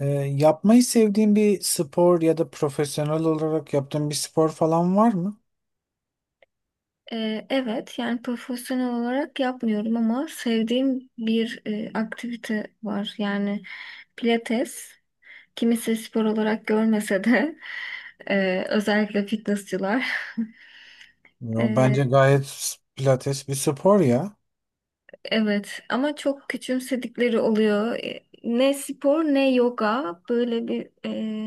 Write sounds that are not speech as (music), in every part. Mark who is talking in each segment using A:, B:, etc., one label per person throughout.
A: Ee, Yapmayı sevdiğin bir spor ya da profesyonel olarak yaptığın bir spor falan var mı?
B: Evet, yani profesyonel olarak yapmıyorum ama sevdiğim bir aktivite var. Yani pilates, kimisi spor olarak görmese de, özellikle fitnessçılar.
A: Ya, bence gayet pilates bir spor ya.
B: Evet, ama çok küçümsedikleri oluyor. Ne spor ne yoga, böyle bir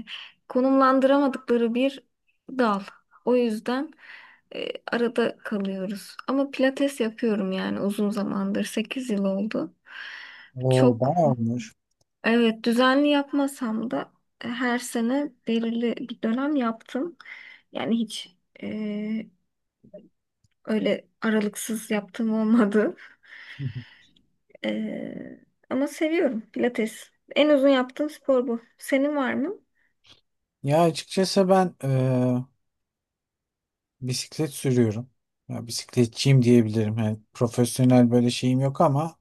B: e, konumlandıramadıkları bir dal. O yüzden e, arada kalıyoruz. Ama pilates yapıyorum, yani uzun zamandır 8 yıl oldu.
A: O
B: Çok,
A: bayağı olmuş.
B: evet, düzenli yapmasam da her sene belirli bir dönem yaptım. Yani hiç e, öyle aralıksız yaptığım olmadı.
A: Hı hı.
B: Ee, Ama seviyorum Pilates. En uzun yaptığım spor bu. Senin var mı?
A: Ya açıkçası ben bisiklet sürüyorum. Ya bisikletçiyim diyebilirim. Yani profesyonel böyle şeyim yok ama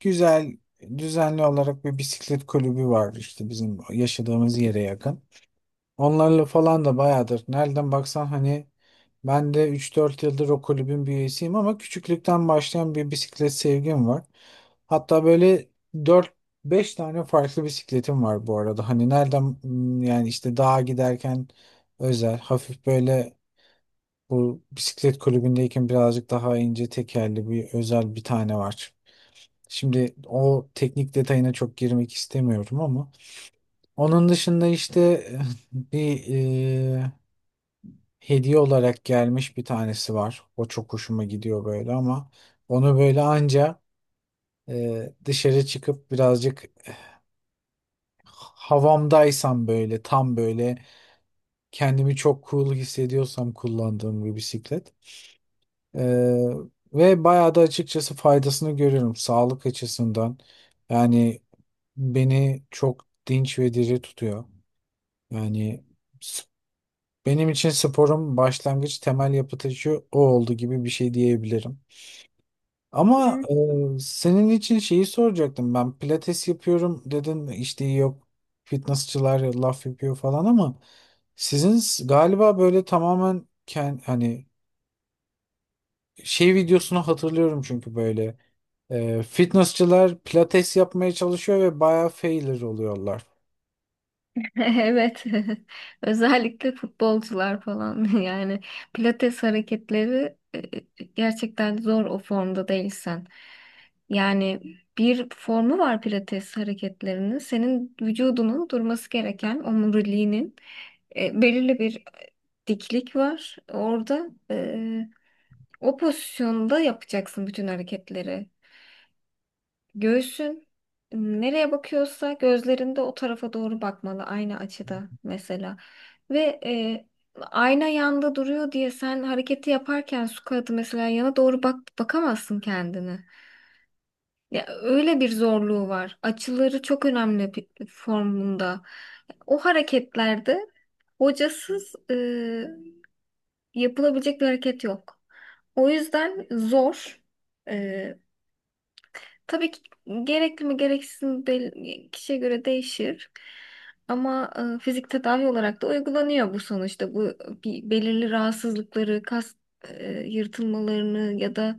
A: güzel, düzenli olarak bir bisiklet kulübü var işte bizim yaşadığımız yere yakın. Onlarla falan da bayağıdır. Nereden baksan hani ben de üç dört yıldır o kulübün bir üyesiyim ama küçüklükten başlayan bir bisiklet sevgim var. Hatta böyle dört beş tane farklı bisikletim var bu arada. Hani yani işte dağa giderken özel hafif böyle bu bisiklet kulübündeyken birazcık daha ince tekerli bir özel bir tane var. Şimdi o teknik detayına çok girmek istemiyorum ama onun dışında işte (laughs) bir hediye olarak gelmiş bir tanesi var. O çok hoşuma gidiyor böyle ama onu böyle anca dışarı çıkıp birazcık havamdaysam, böyle tam böyle kendimi çok cool hissediyorsam kullandığım bir bisiklet. E, Ve bayağı da açıkçası faydasını görüyorum sağlık açısından. Yani beni çok dinç ve diri tutuyor. Yani s- benim için sporum başlangıç, temel yapı taşı o oldu gibi bir şey diyebilirim. Ama
B: Ama-
A: senin için şeyi soracaktım ben. Pilates yapıyorum dedin, işte yok fitnessçılar laf yapıyor falan ama galiba böyle tamamen hani şey videosunu hatırlıyorum çünkü böyle fitnessçılar pilates yapmaya çalışıyor ve bayağı failure oluyorlar.
B: (laughs) Evet. (laughs) Özellikle futbolcular falan, (laughs) yani pilates hareketleri gerçekten zor o formda değilsen. Yani bir formu var pilates hareketlerinin. Senin vücudunun durması gereken, omuriliğinin belirli bir diklik var. Orada o pozisyonda yapacaksın bütün hareketleri. Göğsün nereye bakıyorsa gözlerinde o tarafa doğru bakmalı, aynı açıda mesela. Ve ayna yanda duruyor diye sen hareketi yaparken, su kağıdı mesela yana doğru bakamazsın kendini. Ya, öyle bir zorluğu var. Açıları çok önemli bir formunda. O hareketlerde hocasız, yapılabilecek bir hareket yok. O yüzden zor. Tabii ki gerekli mi gereksiz mi, kişiye göre değişir. Ama fizik tedavi olarak da uygulanıyor bu sonuçta. Bu, bir belirli rahatsızlıkları, kas yırtılmalarını ya da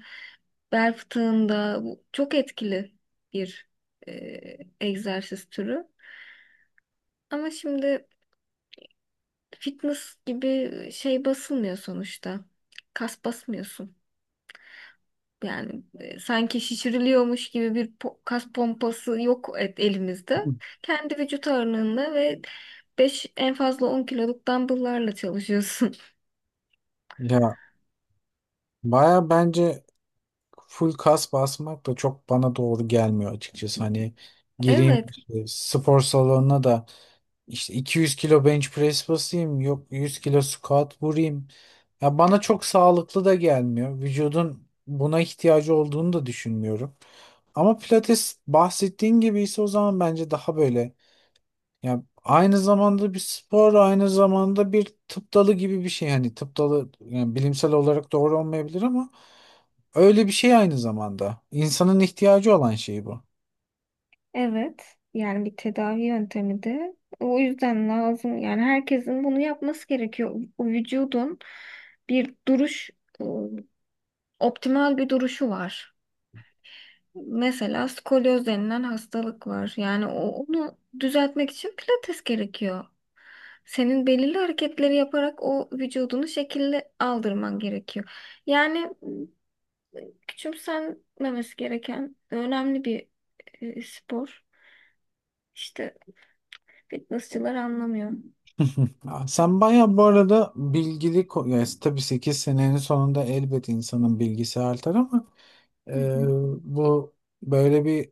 B: bel fıtığında, bu çok etkili bir e, egzersiz türü. Ama şimdi fitness gibi şey basılmıyor sonuçta. Kas basmıyorsun. Yani sanki şişiriliyormuş gibi bir kas pompası yok et
A: (laughs)
B: elimizde.
A: Hı.
B: Kendi vücut ağırlığında ve 5, en fazla 10 kiloluk dumbbell'larla çalışıyorsun. (laughs)
A: Ya baya bence full kas basmak da çok bana doğru gelmiyor açıkçası. Hani gireyim
B: Evet.
A: spor salonuna da İşte 200 kilo bench press basayım, yok 100 kilo squat vurayım. Ya bana çok sağlıklı da gelmiyor. Vücudun buna ihtiyacı olduğunu da düşünmüyorum. Ama pilates bahsettiğin gibi ise o zaman bence daha böyle ya, aynı zamanda bir spor, aynı zamanda bir tıp dalı gibi bir şey. Hani tıp dalı yani bilimsel olarak doğru olmayabilir ama öyle bir şey aynı zamanda. İnsanın ihtiyacı olan şey bu.
B: Evet. Yani bir tedavi yöntemi de, o yüzden lazım. Yani herkesin bunu yapması gerekiyor. O vücudun bir duruş, e, optimal bir duruşu var. Mesela skolyoz denilen hastalık var. Yani onu düzeltmek için pilates gerekiyor. Senin belirli hareketleri yaparak o vücudunu şekilli aldırman gerekiyor. Yani küçümsenmemesi gereken önemli bir spor. İşte fitnessçılar anlamıyor.
A: Hı. Aa, sen bayağı bu arada bilgili, yani tabii 8 senenin sonunda elbet insanın bilgisi artar ama
B: Hı
A: e,
B: hı.
A: bu böyle bir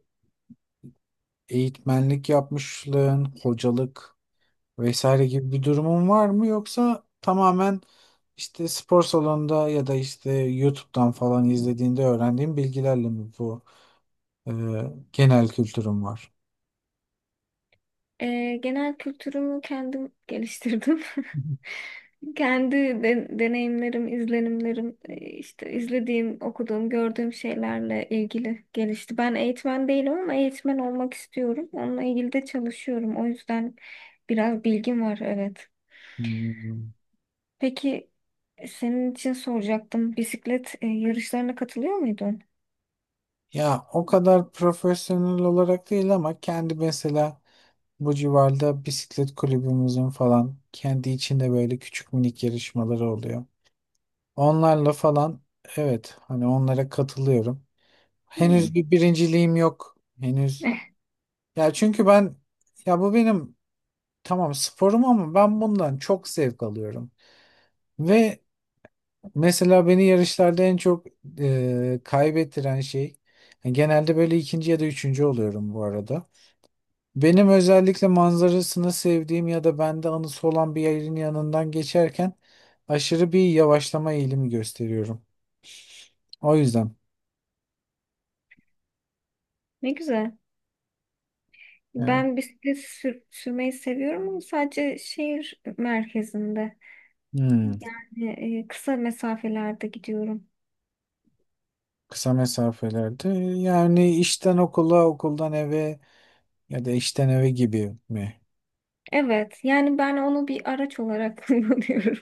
A: eğitmenlik yapmışlığın, hocalık vesaire gibi bir durumun var mı, yoksa tamamen işte spor salonunda ya da işte YouTube'dan falan izlediğinde öğrendiğin bilgilerle mi bu e, genel kültürün var?
B: Genel kültürümü kendim geliştirdim.
A: Hı hı.
B: (laughs) Kendi deneyimlerim, izlenimlerim, işte izlediğim, okuduğum, gördüğüm şeylerle ilgili gelişti. Ben eğitmen değilim ama eğitmen olmak istiyorum. Onunla ilgili de çalışıyorum. O yüzden biraz bilgim var, evet.
A: Hmm.
B: Peki, senin için soracaktım. Bisiklet yarışlarına katılıyor muydun?
A: Ya o kadar profesyonel olarak değil ama kendi, mesela bu civarda bisiklet kulübümüzün falan kendi içinde böyle küçük minik yarışmaları oluyor. Onlarla falan, evet, hani onlara katılıyorum. Henüz
B: Hmm.
A: bir birinciliğim yok. Henüz.
B: Eh,
A: Ya çünkü ben, ya bu benim tamam sporum ama ben bundan çok zevk alıyorum. Ve mesela beni yarışlarda en çok kaybettiren şey, yani genelde böyle ikinci ya da üçüncü oluyorum bu arada. Benim özellikle manzarasını sevdiğim ya da bende anısı olan bir yerin yanından geçerken aşırı bir yavaşlama eğilimi gösteriyorum. O yüzden.
B: Ne güzel.
A: Evet.
B: Ben bisiklet sürmeyi seviyorum, ama sadece şehir merkezinde.
A: Hmm,
B: Yani kısa mesafelerde gidiyorum.
A: kısa mesafelerde yani işten okula, okuldan eve ya da işten eve gibi mi?
B: Evet, yani ben onu bir araç olarak (laughs) kullanıyorum.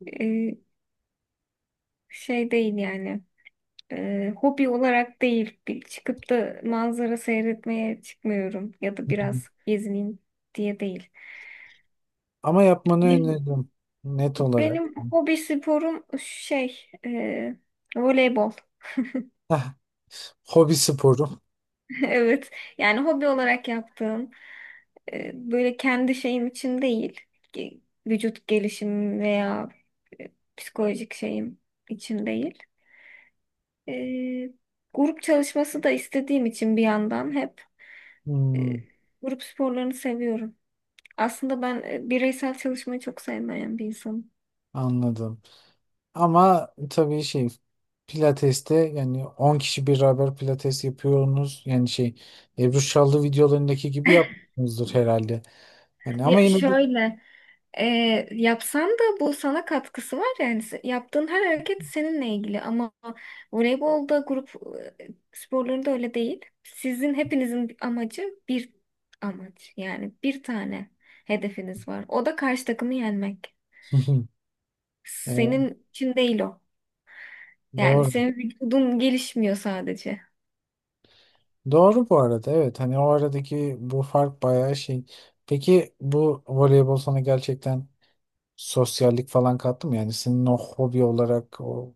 B: E, Şey değil yani. Hobi olarak değil. Bir çıkıp da manzara seyretmeye çıkmıyorum ya da
A: Hı hı.
B: biraz gezineyim diye değil.
A: Ama yapmanı
B: Benim,
A: öneririm, net olarak.
B: benim hobi sporum şey, voleybol.
A: Hah, hobi sporu.
B: (laughs) Evet. Yani hobi olarak yaptığım, böyle kendi şeyim için değil. Ge- Vücut gelişim veya e, psikolojik şeyim için değil. E, Grup çalışması da istediğim için, bir yandan hep e,
A: Hmm,
B: grup sporlarını seviyorum. Aslında ben bireysel çalışmayı çok sevmeyen bir insanım.
A: anladım. Ama tabii şey, Pilates'te yani 10 kişi beraber pilates yapıyorsunuz. Yani şey, Ebru Şallı videolarındaki gibi yapmıyorsunuzdur herhalde. Hani ama
B: Ya
A: yine de
B: şöyle, E, yapsan da bu sana katkısı var, yani yaptığın her hareket seninle ilgili, ama voleybolda grup sporlarında öyle değil. Sizin hepinizin amacı bir amaç, yani bir tane hedefiniz var. O da karşı takımı yenmek.
A: (laughs) E,
B: Senin için değil o. Yani
A: doğru.
B: senin vücudun gelişmiyor sadece.
A: Doğru bu arada, evet. Hani o aradaki bu fark bayağı şey. Peki bu voleybol sana gerçekten sosyallik falan kattı mı? Yani senin o hobi olarak o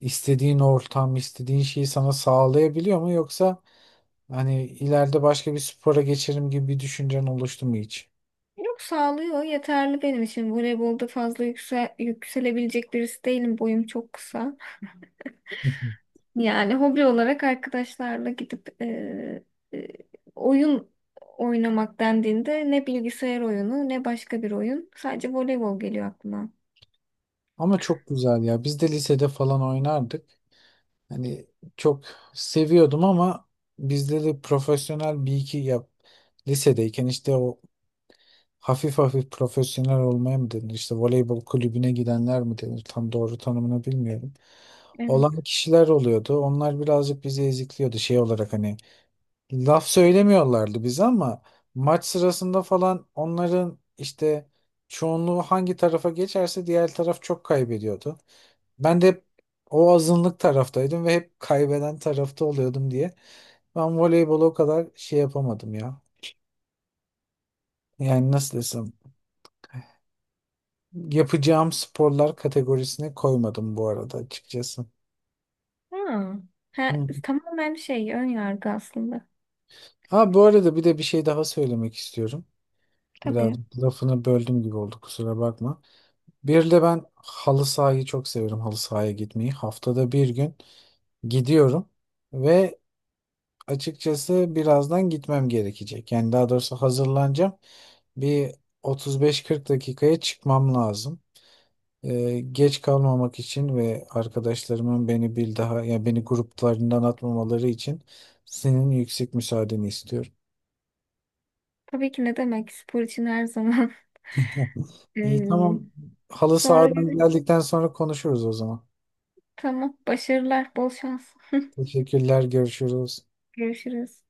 A: istediğin ortam, istediğin şeyi sana sağlayabiliyor mu, yoksa hani ileride başka bir spora geçerim gibi bir düşüncen oluştu mu hiç?
B: Yok, sağlıyor, yeterli benim için. Voleybolda fazla yükselebilecek birisi değilim. Boyum çok kısa.
A: (laughs)
B: Yani hobi olarak arkadaşlarla gidip, e, oyun oynamak dendiğinde, ne bilgisayar oyunu ne başka bir oyun. Sadece voleybol geliyor aklıma.
A: Ama çok güzel ya. Biz de lisede falan oynardık. Hani çok seviyordum ama bizde de profesyonel bir iki yap lisedeyken işte o hafif hafif profesyonel olmaya mı denir? İşte voleybol kulübüne gidenler mi denir? Tam doğru tanımını bilmiyorum.
B: Evet.
A: Olan kişiler oluyordu. Onlar birazcık bizi ezikliyordu şey olarak, hani laf söylemiyorlardı bize ama maç sırasında falan onların işte çoğunluğu hangi tarafa geçerse diğer taraf çok kaybediyordu. Ben de hep o azınlık taraftaydım ve hep kaybeden tarafta oluyordum diye. Ben voleybolu o kadar şey yapamadım ya. Yani nasıl desem, yapacağım sporlar kategorisine koymadım bu arada açıkçası.
B: Ha. Ha,
A: Hı.
B: tamamen şey, ön yargı aslında.
A: Ha, bu arada bir de bir şey daha söylemek istiyorum. Biraz
B: Tabii.
A: lafını böldüm gibi oldu, kusura bakma. Bir de ben halı sahayı çok severim. Halı sahaya gitmeyi. Haftada bir gün gidiyorum ve açıkçası birazdan gitmem gerekecek. Yani daha doğrusu hazırlanacağım. Bir 35-40 dakikaya çıkmam lazım. Geç kalmamak için ve arkadaşlarımın beni bir daha, yani beni gruplarından atmamaları için senin yüksek müsaadeni istiyorum.
B: Tabii ki, ne demek, spor için her zaman. (laughs)
A: İyi,
B: Ee,
A: tamam. Halı
B: Sonra
A: sahadan
B: görüşürüz.
A: geldikten sonra konuşuruz o zaman.
B: Tamam. Başarılar. Bol şans.
A: Teşekkürler, görüşürüz.
B: Görüşürüz.